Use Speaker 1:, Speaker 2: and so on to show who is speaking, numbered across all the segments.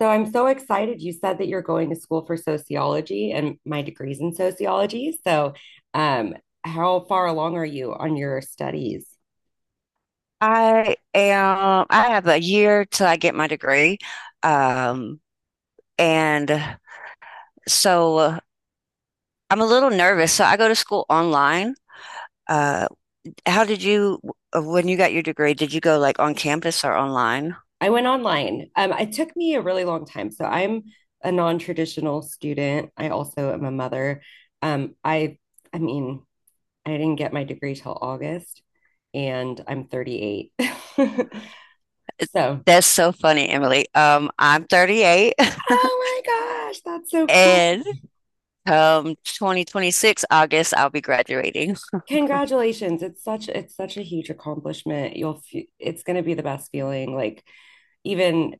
Speaker 1: So I'm so excited. You said that you're going to school for sociology, and my degree's in sociology. Um, how far along are you on your studies?
Speaker 2: I have a year till I get my degree. Um, and so I'm a little nervous. So I go to school online. Uh, how did you, when you got your degree, did you go like on campus or online?
Speaker 1: I went online. It took me a really long time. So I'm a non-traditional student. I also am a mother. Um, I, I mean, I didn't get my degree till August, and I'm 38. So,
Speaker 2: That's so funny, Emily. I'm 38
Speaker 1: oh my gosh, that's so cool.
Speaker 2: and come 2026 August, I'll be graduating.
Speaker 1: Congratulations. It's such a huge accomplishment. You'll it's going to be the best feeling. like even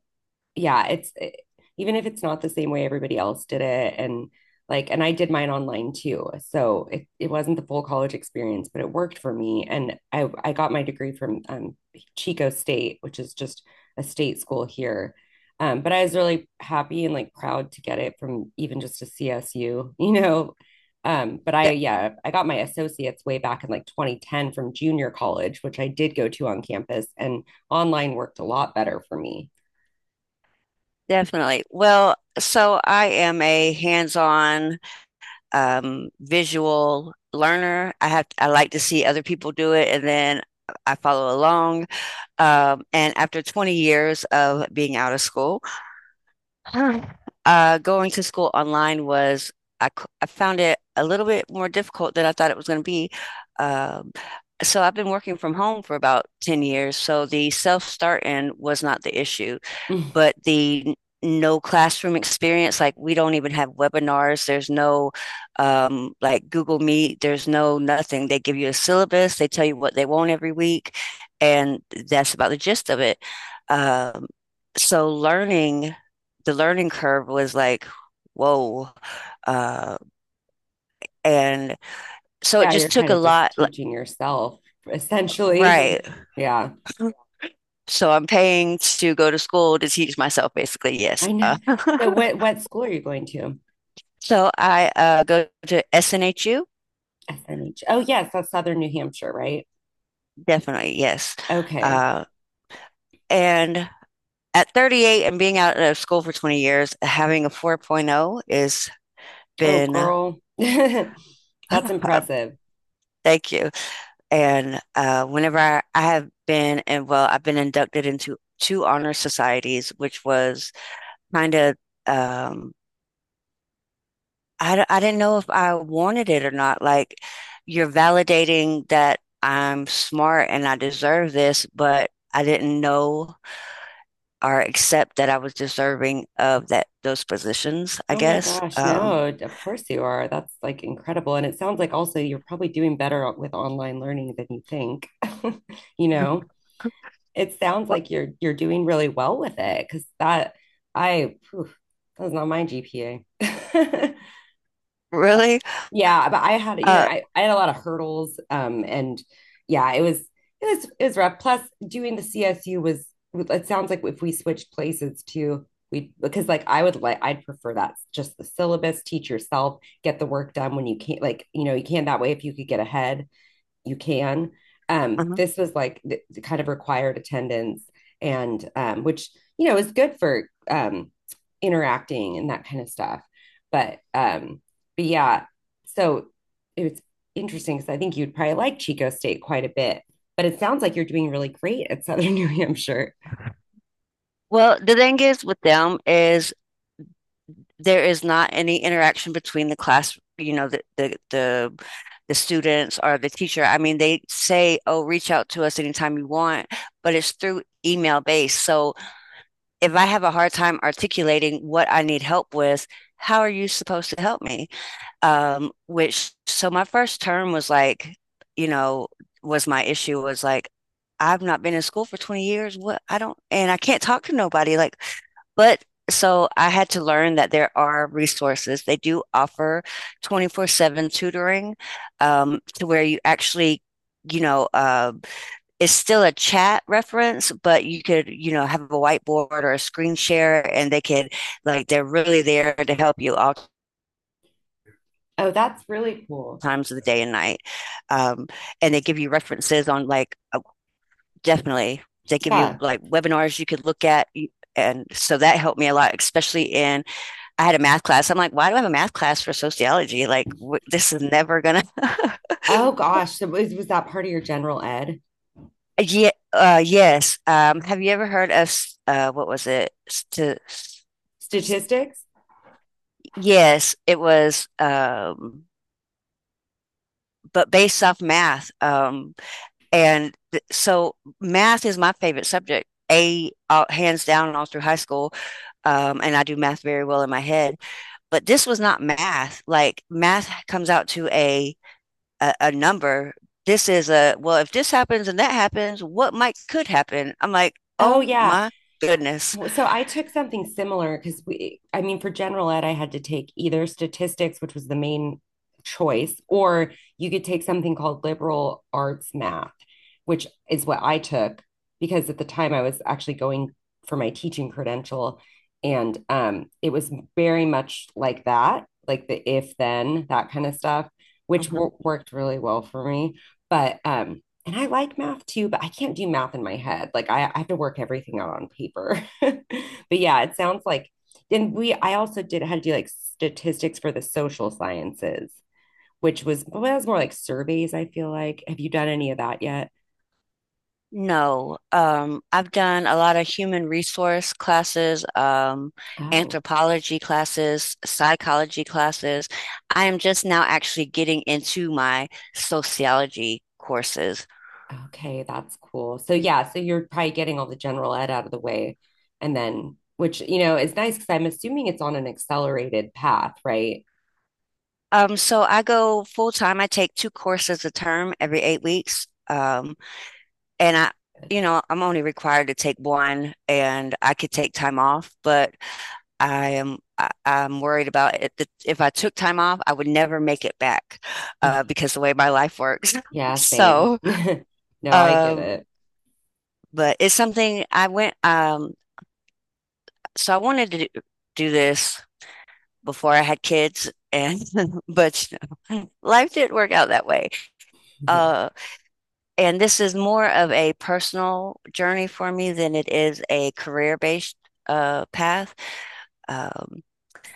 Speaker 1: yeah, it's it, even if it's not the same way everybody else did it. And like, and I did mine online too. So it wasn't the full college experience, but it worked for me, and I got my degree from Chico State, which is just a state school here. But I was really happy and like proud to get it from even just a CSU, you know. But I, yeah, I got my associates way back in like 2010 from junior college, which I did go to on campus, and online worked a lot better for me.
Speaker 2: Definitely. Well, so I am a hands-on visual learner. I like to see other people do it, and then I follow along. And after 20 years of being out of school, Going to school online was I found it a little bit more difficult than I thought it was going to be. Um, so I've been working from home for about 10 years, so the self-starting was not the issue,
Speaker 1: Mm.
Speaker 2: but the no classroom experience, like we don't even have webinars, there's no like Google Meet, there's no nothing. They give you a syllabus, they tell you what they want every week, and that's about the gist of it. Um, so learning the learning curve was like, whoa. Uh, and so it
Speaker 1: Yeah,
Speaker 2: just
Speaker 1: you're
Speaker 2: took
Speaker 1: kind
Speaker 2: a
Speaker 1: of just
Speaker 2: lot. Like,
Speaker 1: teaching yourself essentially. Like,
Speaker 2: right.
Speaker 1: yeah,
Speaker 2: So I'm paying to go to school to teach myself, basically. Yes.
Speaker 1: I know. So what school are you going to?
Speaker 2: So I go to SNHU.
Speaker 1: SNH. Oh yes, that's Southern New Hampshire, right?
Speaker 2: Definitely. Yes.
Speaker 1: Okay.
Speaker 2: Uh, and at 38 and being out of school for 20 years, having a 4.0 is
Speaker 1: Oh
Speaker 2: been.
Speaker 1: girl. That's impressive.
Speaker 2: Thank you. And whenever I have been, and well, I've been inducted into two honor societies, which was kind of. Um, I d- I didn't know if I wanted it or not. Like, you're validating that I'm smart and I deserve this, but I didn't know or accept that I was deserving of that those positions, I
Speaker 1: Oh my
Speaker 2: guess.
Speaker 1: gosh, no, of course you are. That's like incredible. And it sounds like also you're probably doing better with online learning than you think. You know, it sounds like you're doing really well with it, because that, I phew, that was not my GPA.
Speaker 2: Really?
Speaker 1: Yeah, but I had, you know,
Speaker 2: Uh,
Speaker 1: I had a lot of hurdles. And yeah, it was rough. Plus doing the CSU was, it sounds like if we switched places too, we, because like I would like, I'd prefer that just the syllabus, teach yourself, get the work done when you can't, like, you know, you can that way. If you could get ahead, you can.
Speaker 2: uh-huh.
Speaker 1: This was like the kind of required attendance, and which you know is good for um, interacting and that kind of stuff. But um, but yeah, so it was interesting because I think you'd probably like Chico State quite a bit. But it sounds like you're doing really great at Southern New Hampshire.
Speaker 2: Well, the thing is with them is there is not any interaction between the class, the the students or the teacher. I mean, they say, "Oh, reach out to us anytime you want," but it's through email based. So if I have a hard time articulating what I need help with, how are you supposed to help me? Which so my first term was like, you know, was my issue was like, I've not been in school for 20 years. What I don't, and I can't talk to nobody. Like, but so I had to learn that there are resources. They do offer 24/7 tutoring, to where you actually, you know, uh, it's still a chat reference, but you could, have a whiteboard or a screen share, and they could, like, they're really there to help you all
Speaker 1: Oh, that's really cool.
Speaker 2: times of the day and night. Um, and they give you references on, like, definitely, they give you
Speaker 1: Yeah.
Speaker 2: like webinars you could look at. And so that helped me a lot, especially, in I had a math class. I'm like, why do I have a math class for sociology? Like, this is never gonna.
Speaker 1: Oh gosh, so was that part of your general ed?
Speaker 2: Yeah, yes. Have you ever heard of what was it? St
Speaker 1: Statistics?
Speaker 2: Yes, it was. But based off math. And th so math is my favorite subject. A Hands down all through high school. And I do math very well in my head. But this was not math. Like math comes out to a a number. This is a, well, if this happens and that happens, what might could happen? I'm like,
Speaker 1: Oh
Speaker 2: oh
Speaker 1: yeah.
Speaker 2: my goodness.
Speaker 1: Well, so I took something similar because we, I mean, for general ed, I had to take either statistics, which was the main choice, or you could take something called liberal arts math, which is what I took, because at the time I was actually going for my teaching credential. And it was very much like that, like the if then, that kind of stuff, which
Speaker 2: Mhm.
Speaker 1: worked really well for me. But, and I like math too, but I can't do math in my head. I have to work everything out on paper. But yeah, it sounds like, and we, I also did had to do like statistics for the social sciences, which was, well, that was more like surveys, I feel like. Have you done any of that yet?
Speaker 2: No, I've done a lot of human resource classes,
Speaker 1: Oh,
Speaker 2: anthropology classes, psychology classes. I am just now actually getting into my sociology courses.
Speaker 1: okay, that's cool. So yeah, so you're probably getting all the general ed out of the way, and then, which you know is nice because I'm assuming it's on an accelerated path, right?
Speaker 2: So I go full time. I take two courses a term every 8 weeks. And I'm only required to take one and I could take time off, but I'm worried about it. That If I took time off, I would never make it back because the way my life works.
Speaker 1: Yeah, same.
Speaker 2: So,
Speaker 1: No, I get
Speaker 2: um,
Speaker 1: it.
Speaker 2: but it's something I went, so I wanted to do this before I had kids and, but life didn't work out that way.
Speaker 1: Yeah,
Speaker 2: Uh, and this is more of a personal journey for me than it is a career-based path. Um,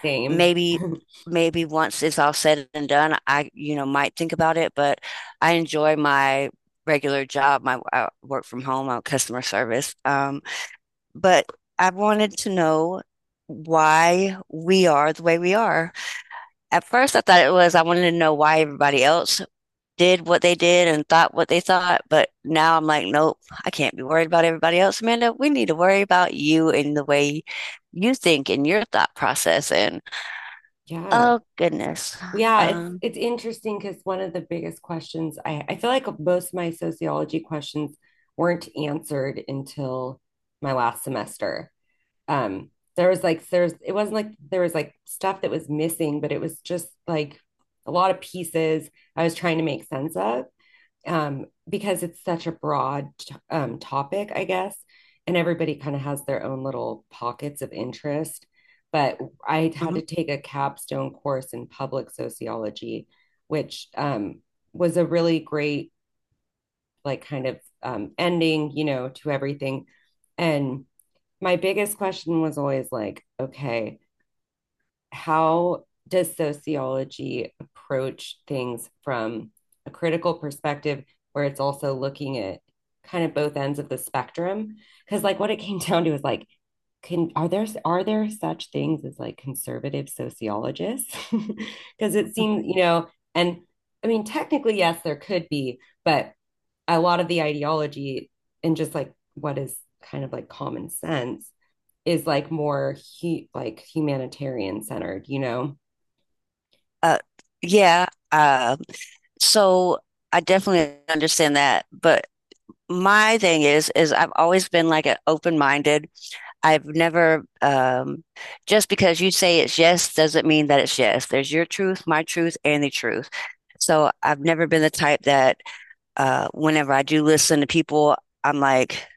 Speaker 1: same.
Speaker 2: maybe maybe once it's all said and done, I might think about it, but I enjoy my regular job. My I work from home, I'm customer service. But I wanted to know why we are the way we are. At first, I thought it was I wanted to know why everybody else did what they did and thought what they thought. But now I'm like, nope, I can't be worried about everybody else, Amanda. We need to worry about you and the way you think and your thought process. And
Speaker 1: Yeah.
Speaker 2: oh goodness,
Speaker 1: Well, yeah,
Speaker 2: um,
Speaker 1: it's interesting because one of the biggest questions, I feel like most of my sociology questions weren't answered until my last semester. Um, there was like there's it wasn't like there was like stuff that was missing, but it was just like a lot of pieces I was trying to make sense of. Because it's such a broad topic, I guess, and everybody kind of has their own little pockets of interest. But I had to
Speaker 2: mhm.
Speaker 1: take a capstone course in public sociology, which was a really great, like, kind of ending, you know, to everything. And my biggest question was always like, okay, how does sociology approach things from a critical perspective where it's also looking at kind of both ends of the spectrum? Because like what it came down to is like, can are there, are there such things as like conservative sociologists? Because it seems, you know, and I mean, technically, yes, there could be, but a lot of the ideology and just like what is kind of like common sense is like more he like humanitarian centered, you know?
Speaker 2: uh, yeah. uh, so I definitely understand that, but my thing is I've always been like an open-minded I've never, just because you say it's yes doesn't mean that it's yes. There's your truth, my truth, and the truth. So I've never been the type that whenever I do listen to people, I'm like,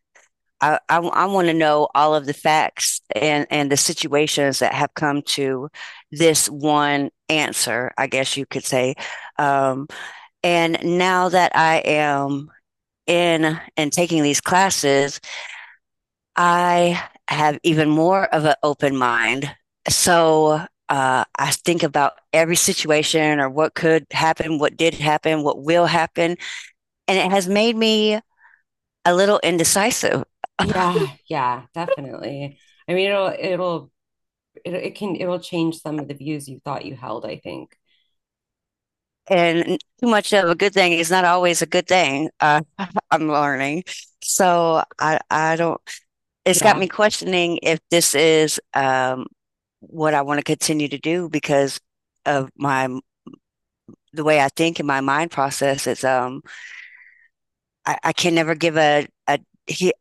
Speaker 2: I want to know all of the facts and the situations that have come to this one answer, I guess you could say. Um, and now that I am in and taking these classes, I have even more of an open mind. So I think about every situation or what could happen, what did happen, what will happen. And it has made me a little indecisive.
Speaker 1: Yeah, yeah, definitely. I mean, it can, it'll change some of the views you thought you held, I think.
Speaker 2: And too much of a good thing is not always a good thing. I'm learning. So I don't, it's got
Speaker 1: Yeah.
Speaker 2: me questioning if this is what I want to continue to do because of my, the way I think in my mind process. It's, I can never give a, a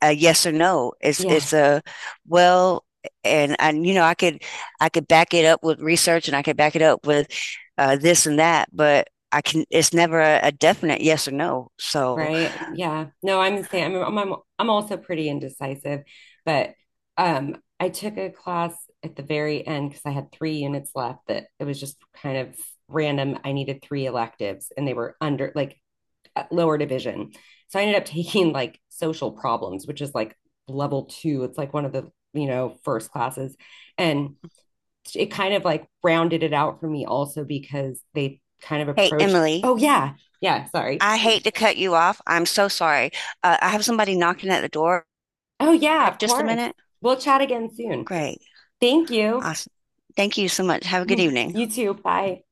Speaker 2: a yes or no. It's
Speaker 1: Yeah,
Speaker 2: it's a well, and I could back it up with research and I could back it up with this and that, but I can. It's never a definite yes or no. So,
Speaker 1: right. Yeah. No, I'm the same. I'm also pretty indecisive, but I took a class at the very end because I had three units left that it was just kind of random. I needed three electives and they were under like lower division. So I ended up taking like social problems, which is like level two. It's like one of the, you know, first classes. And it kind of like rounded it out for me also because they kind of
Speaker 2: hey,
Speaker 1: approached,
Speaker 2: Emily,
Speaker 1: oh, yeah, yeah, sorry.
Speaker 2: I hate to cut you off. I'm so sorry. I have somebody knocking at the door.
Speaker 1: Oh, yeah, of
Speaker 2: Just a
Speaker 1: course.
Speaker 2: minute.
Speaker 1: We'll chat again soon.
Speaker 2: Great.
Speaker 1: Thank you.
Speaker 2: Awesome. Thank you so much. Have a good evening.
Speaker 1: You too. Bye.